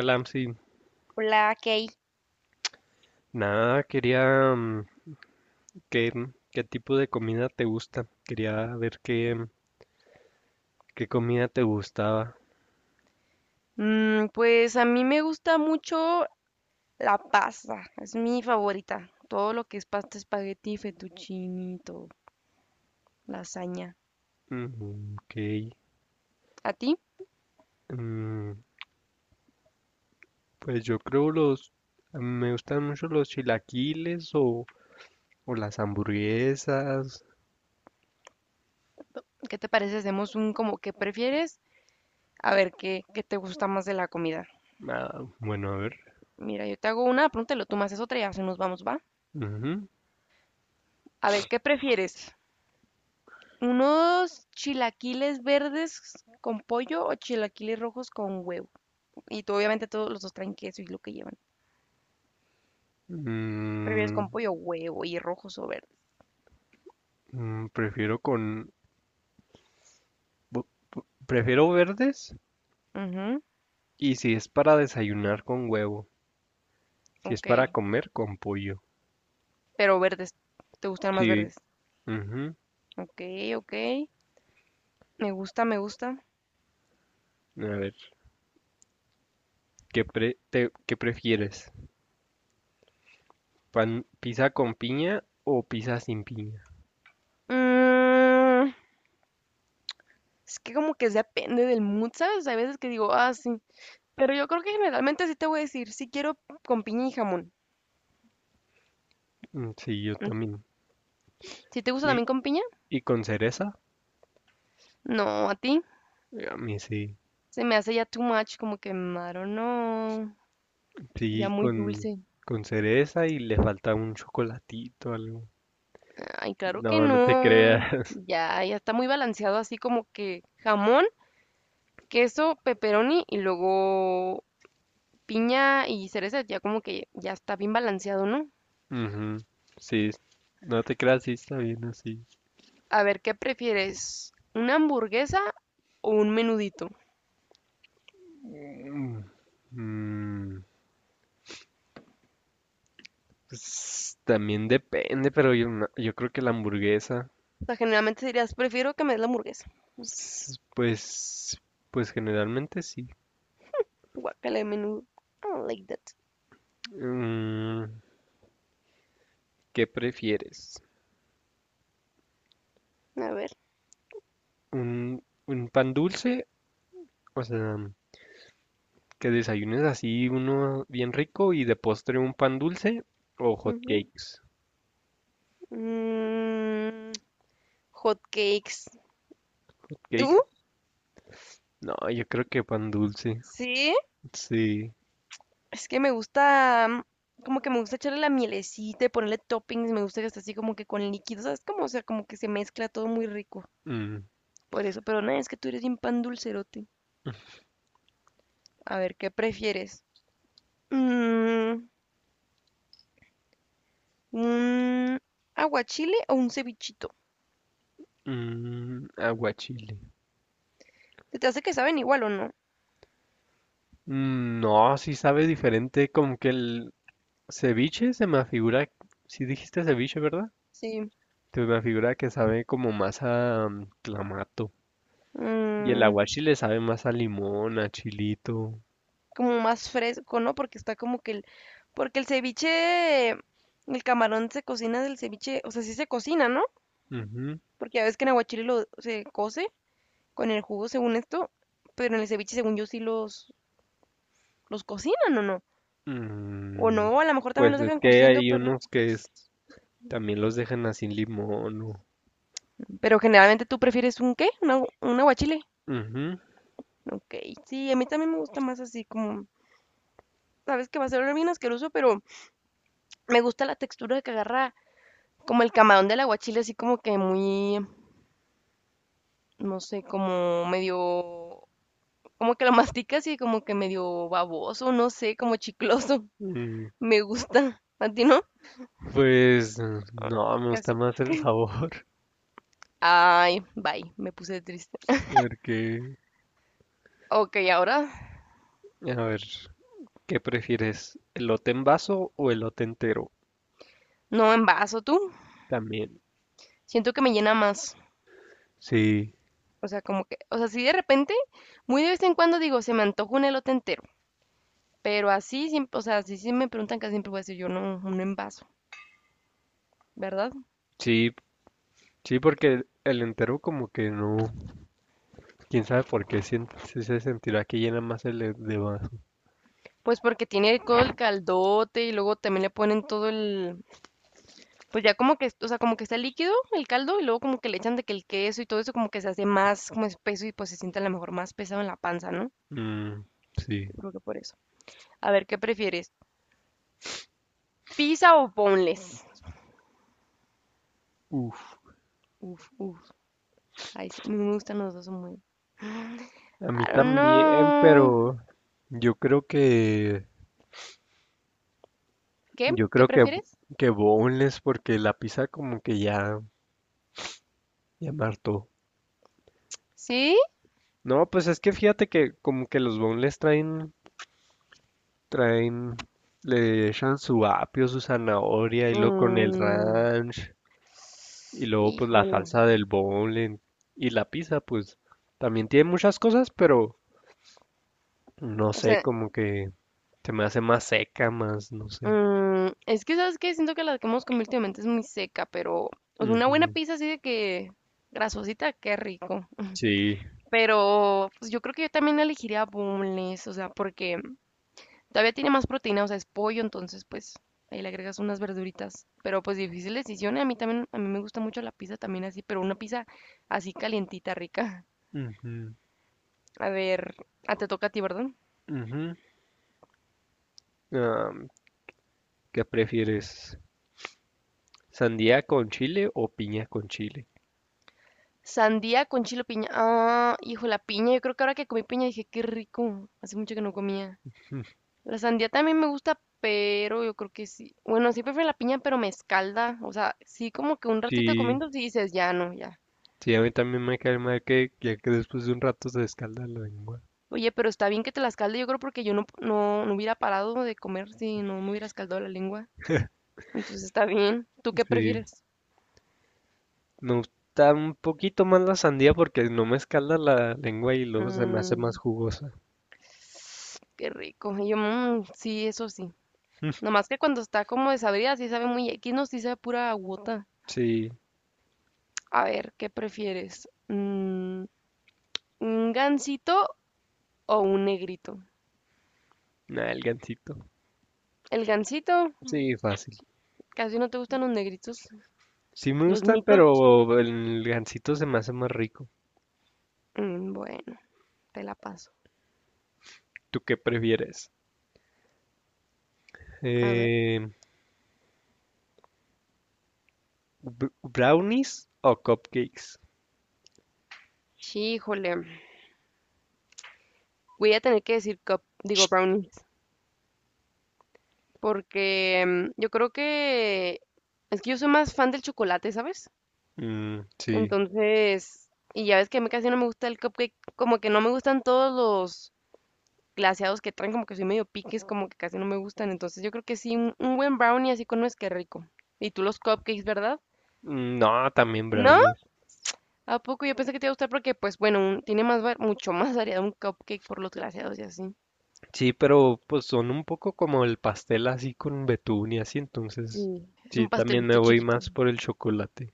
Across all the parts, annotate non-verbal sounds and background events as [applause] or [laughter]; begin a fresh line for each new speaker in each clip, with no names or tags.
Alam, sí.
Hola, Kay.
Nada, quería qué, qué tipo de comida te gusta. Quería ver qué, qué comida te gustaba.
Pues a mí me gusta mucho la pasta, es mi favorita. Todo lo que es pasta, espagueti, fettuccine, y todo, lasaña.
Mm, ok.
¿A ti?
Mm, pues yo creo los... Me gustan mucho los chilaquiles o las hamburguesas.
¿Qué te parece? Hacemos un como que prefieres, a ver qué te gusta más de la comida.
Ah, bueno, a ver.
Mira, yo te hago una, pregúntalo, tú me haces otra y así nos vamos, ¿va?
Ujú.
A ver, ¿qué prefieres? ¿Unos chilaquiles verdes con pollo o chilaquiles rojos con huevo? Y tú, obviamente todos los dos traen queso y lo que llevan. ¿Prefieres
Mm,
con pollo, huevo y rojos o verdes?
prefiero con... Prefiero verdes
Ujú,
y si es para desayunar con huevo. Si es
ok,
para comer con pollo.
pero verdes, te gustan más
Sí.
verdes.
Ujú.
Ok, ok, me gusta, me gusta.
A ver, ¿qué prefieres? ¿Pan, pizza con piña o pizza sin piña?
Mm, es que como que depende del mood, ¿sabes? Hay veces que digo, ah, sí, pero yo creo que generalmente sí te voy a decir, sí quiero con piña y jamón.
Mm, sí, yo
Mm,
también.
¿Si te gusta
¿Y,
también con piña?
y con cereza?
No, a ti.
A mí sí.
Se me hace ya too much, como que, no, ya
Sí,
muy dulce.
con cereza y le falta un chocolatito, algo.
Ay, claro que
No, no te
no.
creas.
Ya, ya está muy balanceado así como que jamón, queso, pepperoni y luego piña y cereza, ya como que ya está bien balanceado, ¿no?
[laughs] Ujú, sí, no te creas, sí está bien así.
A ver, ¿qué prefieres? ¿Una hamburguesa o un menudito?
Mm, mm, pues, también depende, pero yo, yo creo que la hamburguesa,
O sea, generalmente dirías, prefiero que me des la hamburguesa.
pues, pues generalmente sí.
Guácala de menudo. I don't like that.
Mm, ¿qué prefieres?
A ver.
Un pan dulce? O sea, que desayunes así uno bien rico y de postre un pan dulce o hot
Ujú.
cakes.
Mm, Hot cakes.
¿Cake?
¿Tú?
No, yo creo que pan dulce.
Sí.
Sí.
Es que me gusta, como que me gusta echarle la mielecita y ponerle toppings. Me gusta que esté así como que con líquidos, ¿sabes? Como, o sea, como que se mezcla todo muy rico.
Mm,
Por eso, pero no, es que tú eres bien pan dulcerote. A ver, ¿qué prefieres? Mm, ¿Un aguachile o un cevichito?
mm, aguachile.
¿Se te hace que saben igual o no?
Mm, no, sí sabe diferente. Como que el ceviche se me afigura. Si dijiste ceviche, ¿verdad?
Sí.
Se me afigura que sabe como más a clamato. Y el
mm,
aguachile sabe más a limón, a chilito.
Como más fresco, ¿no? Porque está como que el... Porque el ceviche, el camarón se cocina del ceviche, o sea, sí se cocina, ¿no?
Ujú.
Porque ya ves que en aguachile lo se cose con el jugo según esto, pero en el ceviche según yo sí los cocinan o no. O
Mm,
no, a lo mejor también
pues
los
es
dejan
que
cociendo,
hay
pero...
unos también los dejan así limón. O-
Pero generalmente tú prefieres un qué? ¿Un, un aguachile?
Ujú.
Ok, sí, a mí también me gusta más así como sabes que va a ser bien asqueroso, pero me gusta la textura que agarra como el camarón del aguachile, así como que muy, no sé, como medio, como que lo masticas y como que medio baboso, no sé, como chicloso.
Mm,
[laughs] Me gusta. ¿A ti no?
pues no, me gusta
Casi.
más el sabor. [laughs]
Ay, bye, me puse triste.
Porque,
Ok, ahora
a ver, ¿qué prefieres? ¿Elote en vaso o elote entero?
no envaso tú.
También.
Siento que me llena más.
Sí,
O sea, como que, o sea, si de repente, muy de vez en cuando digo, se me antoja un elote entero. Pero así, siempre, o sea, si sí me preguntan casi siempre voy a decir yo no, un envaso, ¿verdad?
sí, sí, porque el entero como que no. ¿Quién sabe por qué? Sí se sentirá que llena más el de vaso.
Pues porque tiene todo el caldote y luego también le ponen todo el, pues ya como que, o sea, como que está líquido el caldo y luego como que le echan de que el queso y todo eso como que se hace más como espeso y pues se siente a lo mejor más pesado en la panza, ¿no?
Mm, sí.
Yo creo que por eso. A ver, ¿qué prefieres? ¿Pizza o boneless?
Uf.
Uf, uf. Ay, sí, a mí me gustan los dos muy.
A mí
I don't
también,
know.
pero yo creo que
¿Qué?
yo
¿Qué
creo
prefieres?
que boneless porque la pizza como que ya ya me hartó.
¿Sí?
No, pues es que fíjate que como que los boneless traen traen le echan su apio, su zanahoria y luego con el
Mm,
ranch y luego pues la
híjole.
salsa del boneless y la pizza pues también tiene muchas cosas, pero no
O
sé,
sea,
como que se me hace más seca, más no sé.
Es que, ¿sabes qué? Siento que la que hemos comido últimamente es muy seca, pero o sea, una buena
Ujú,
pizza así de que grasosita, qué rico.
sí.
Pero pues, yo creo que yo también elegiría boneless, o sea, porque todavía tiene más proteína, o sea, es pollo, entonces pues ahí le agregas unas verduritas. Pero pues difícil decisión, y a mí también, a mí me gusta mucho la pizza también así, pero una pizza así calientita, rica.
Ujú.
A ver, ah, te toca a ti, ¿verdad?
Ujú. Am, ¿qué prefieres? ¿Sandía con chile o piña con chile?
Sandía con chile o piña. Ah, hijo, la piña. Yo creo que ahora que comí piña dije, qué rico. Hace mucho que no comía. La sandía también me gusta, pero yo creo que sí. Bueno, sí prefiero la piña, pero me escalda. O sea, sí como que un ratito
Sí,
comiendo, sí dices, ya no, ya.
sí, a mí también me cae mal que después de un rato se escalda la lengua.
Oye, pero está bien que te la escalde, yo creo porque yo no hubiera parado de comer si no me hubiera escaldado la lengua. Entonces está bien. ¿Tú qué
Sí,
prefieres?
me gusta un poquito más la sandía porque no me escalda la lengua y luego se me hace más
Mmm,
jugosa.
qué rico. Y yo, "Mm, sí, eso sí. Nomás que cuando está como desabrida, sí sabe muy X, no, sí sabe pura agüota.
Sí,
A ver, ¿qué prefieres? ¿Un gansito o un negrito?
nada, el gansito.
El gansito.
Sí, fácil.
Casi no te gustan los negritos.
Sí me
Los
gusta,
nitos.
pero el gansito se me hace más rico.
Bueno, te la paso.
¿Tú qué prefieres?
A ver.
Eh, ¿Brownies o cupcakes?
Híjole. Voy a tener que decir cup, digo brownies. Porque yo creo que es que yo soy más fan del chocolate, ¿sabes?
Mm, sí.
Entonces, y ya ves que a mí casi no me gusta el cupcake, como que no me gustan todos los glaseados que traen, como que soy medio piques, como que casi no me gustan. Entonces, yo creo que sí, un buen brownie así con nuez, que rico. Y tú los cupcakes, ¿verdad?
Mm, no, también
No,
brownies.
¿a poco? Yo pensé que te iba a gustar porque, pues bueno, tiene más, mucho más variedad un cupcake por los glaseados y así.
Sí, pero pues son un poco como el pastel así con betún y así, entonces
Sí. Es
sí,
un
también me
pastelito
voy
chiquito.
más por el chocolate.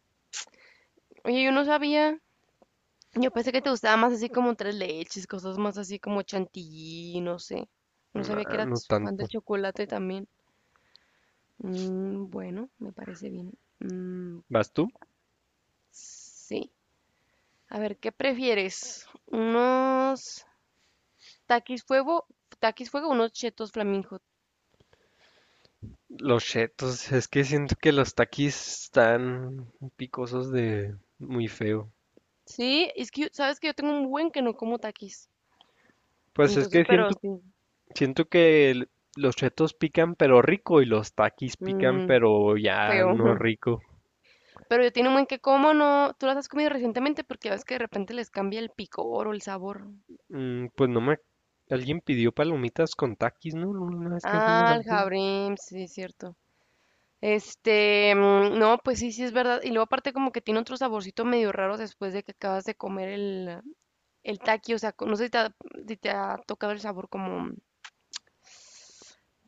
Oye, yo no sabía. Yo pensé que te gustaba más así como tres leches, cosas más así como chantilly, no sé. No sabía que
Ah, no
eras fan del
tanto.
chocolate también. Bueno, me parece bien. Mm,
¿Vas tú?
sí. A ver, ¿qué prefieres? ¿Unos taquis fuego? ¿Taquis fuego o unos chetos flamingo?
Los chetos, es que siento que los taquis están picosos de muy feo.
Sí, es que, yo- ¿sabes que yo tengo un buen que no como taquis?
Pues es
Entonces,
que
pero
siento,
sí,
siento que los chetos pican pero rico y los taquis pican
mm,
pero ya
feo.
no
[laughs]
rico.
Pero yo tiene un buen que como, ¿no? ¿Tú las has comido recientemente? Porque ves que de repente les cambia el picor o el sabor.
Pues no me... Alguien pidió palomitas con taquis, ¿no? Una vez que fuimos
Ah,
al
el
cine.
jabrim, sí, es cierto. Este, no, pues sí, sí es verdad. Y luego aparte como que tiene otro saborcito medio raro después de que acabas de comer el taqui, o sea, co- no sé si te si te ha tocado el sabor como,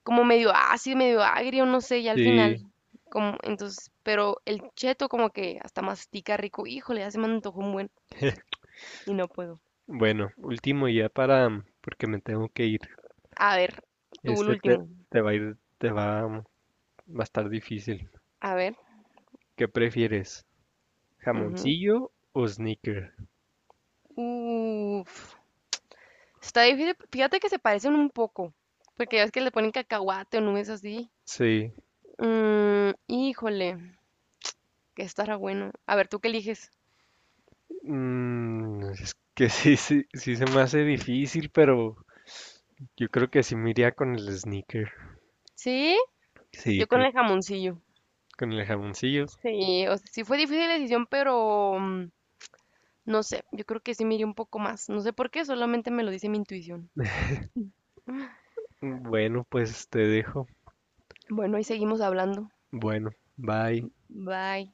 como medio ácido, medio agrio, no sé, ya al
Sí.
final. Como, entonces, pero el cheto como que hasta mastica rico, híjole, ya se me antojó un buen. Y no puedo.
Bueno, último ya para, porque me tengo que ir.
A ver, tú el
Este te,
último.
te va, va a estar difícil.
A ver.
¿Qué prefieres?
Ujú.
¿Jamoncillo o sneaker?
Uf. Está difícil. Fíjate que se parecen un poco. Porque ya ves que le ponen cacahuate o nubes así.
Sí,
Híjole, que estará bueno. A ver, ¿tú qué eliges?
es que [laughs] sí se me hace difícil, pero yo creo que sí me iría con el sneaker.
¿Sí?
Sí,
Yo con
creo
el
que
jamoncillo.
con el jamoncillo.
Sí, o sea, sí fue difícil la decisión, pero no sé, yo creo que sí me iría un poco más. No sé por qué, solamente me lo dice mi intuición.
Mm, bueno, pues te dejo.
Bueno, ahí seguimos hablando.
Bueno, bye.
Bye.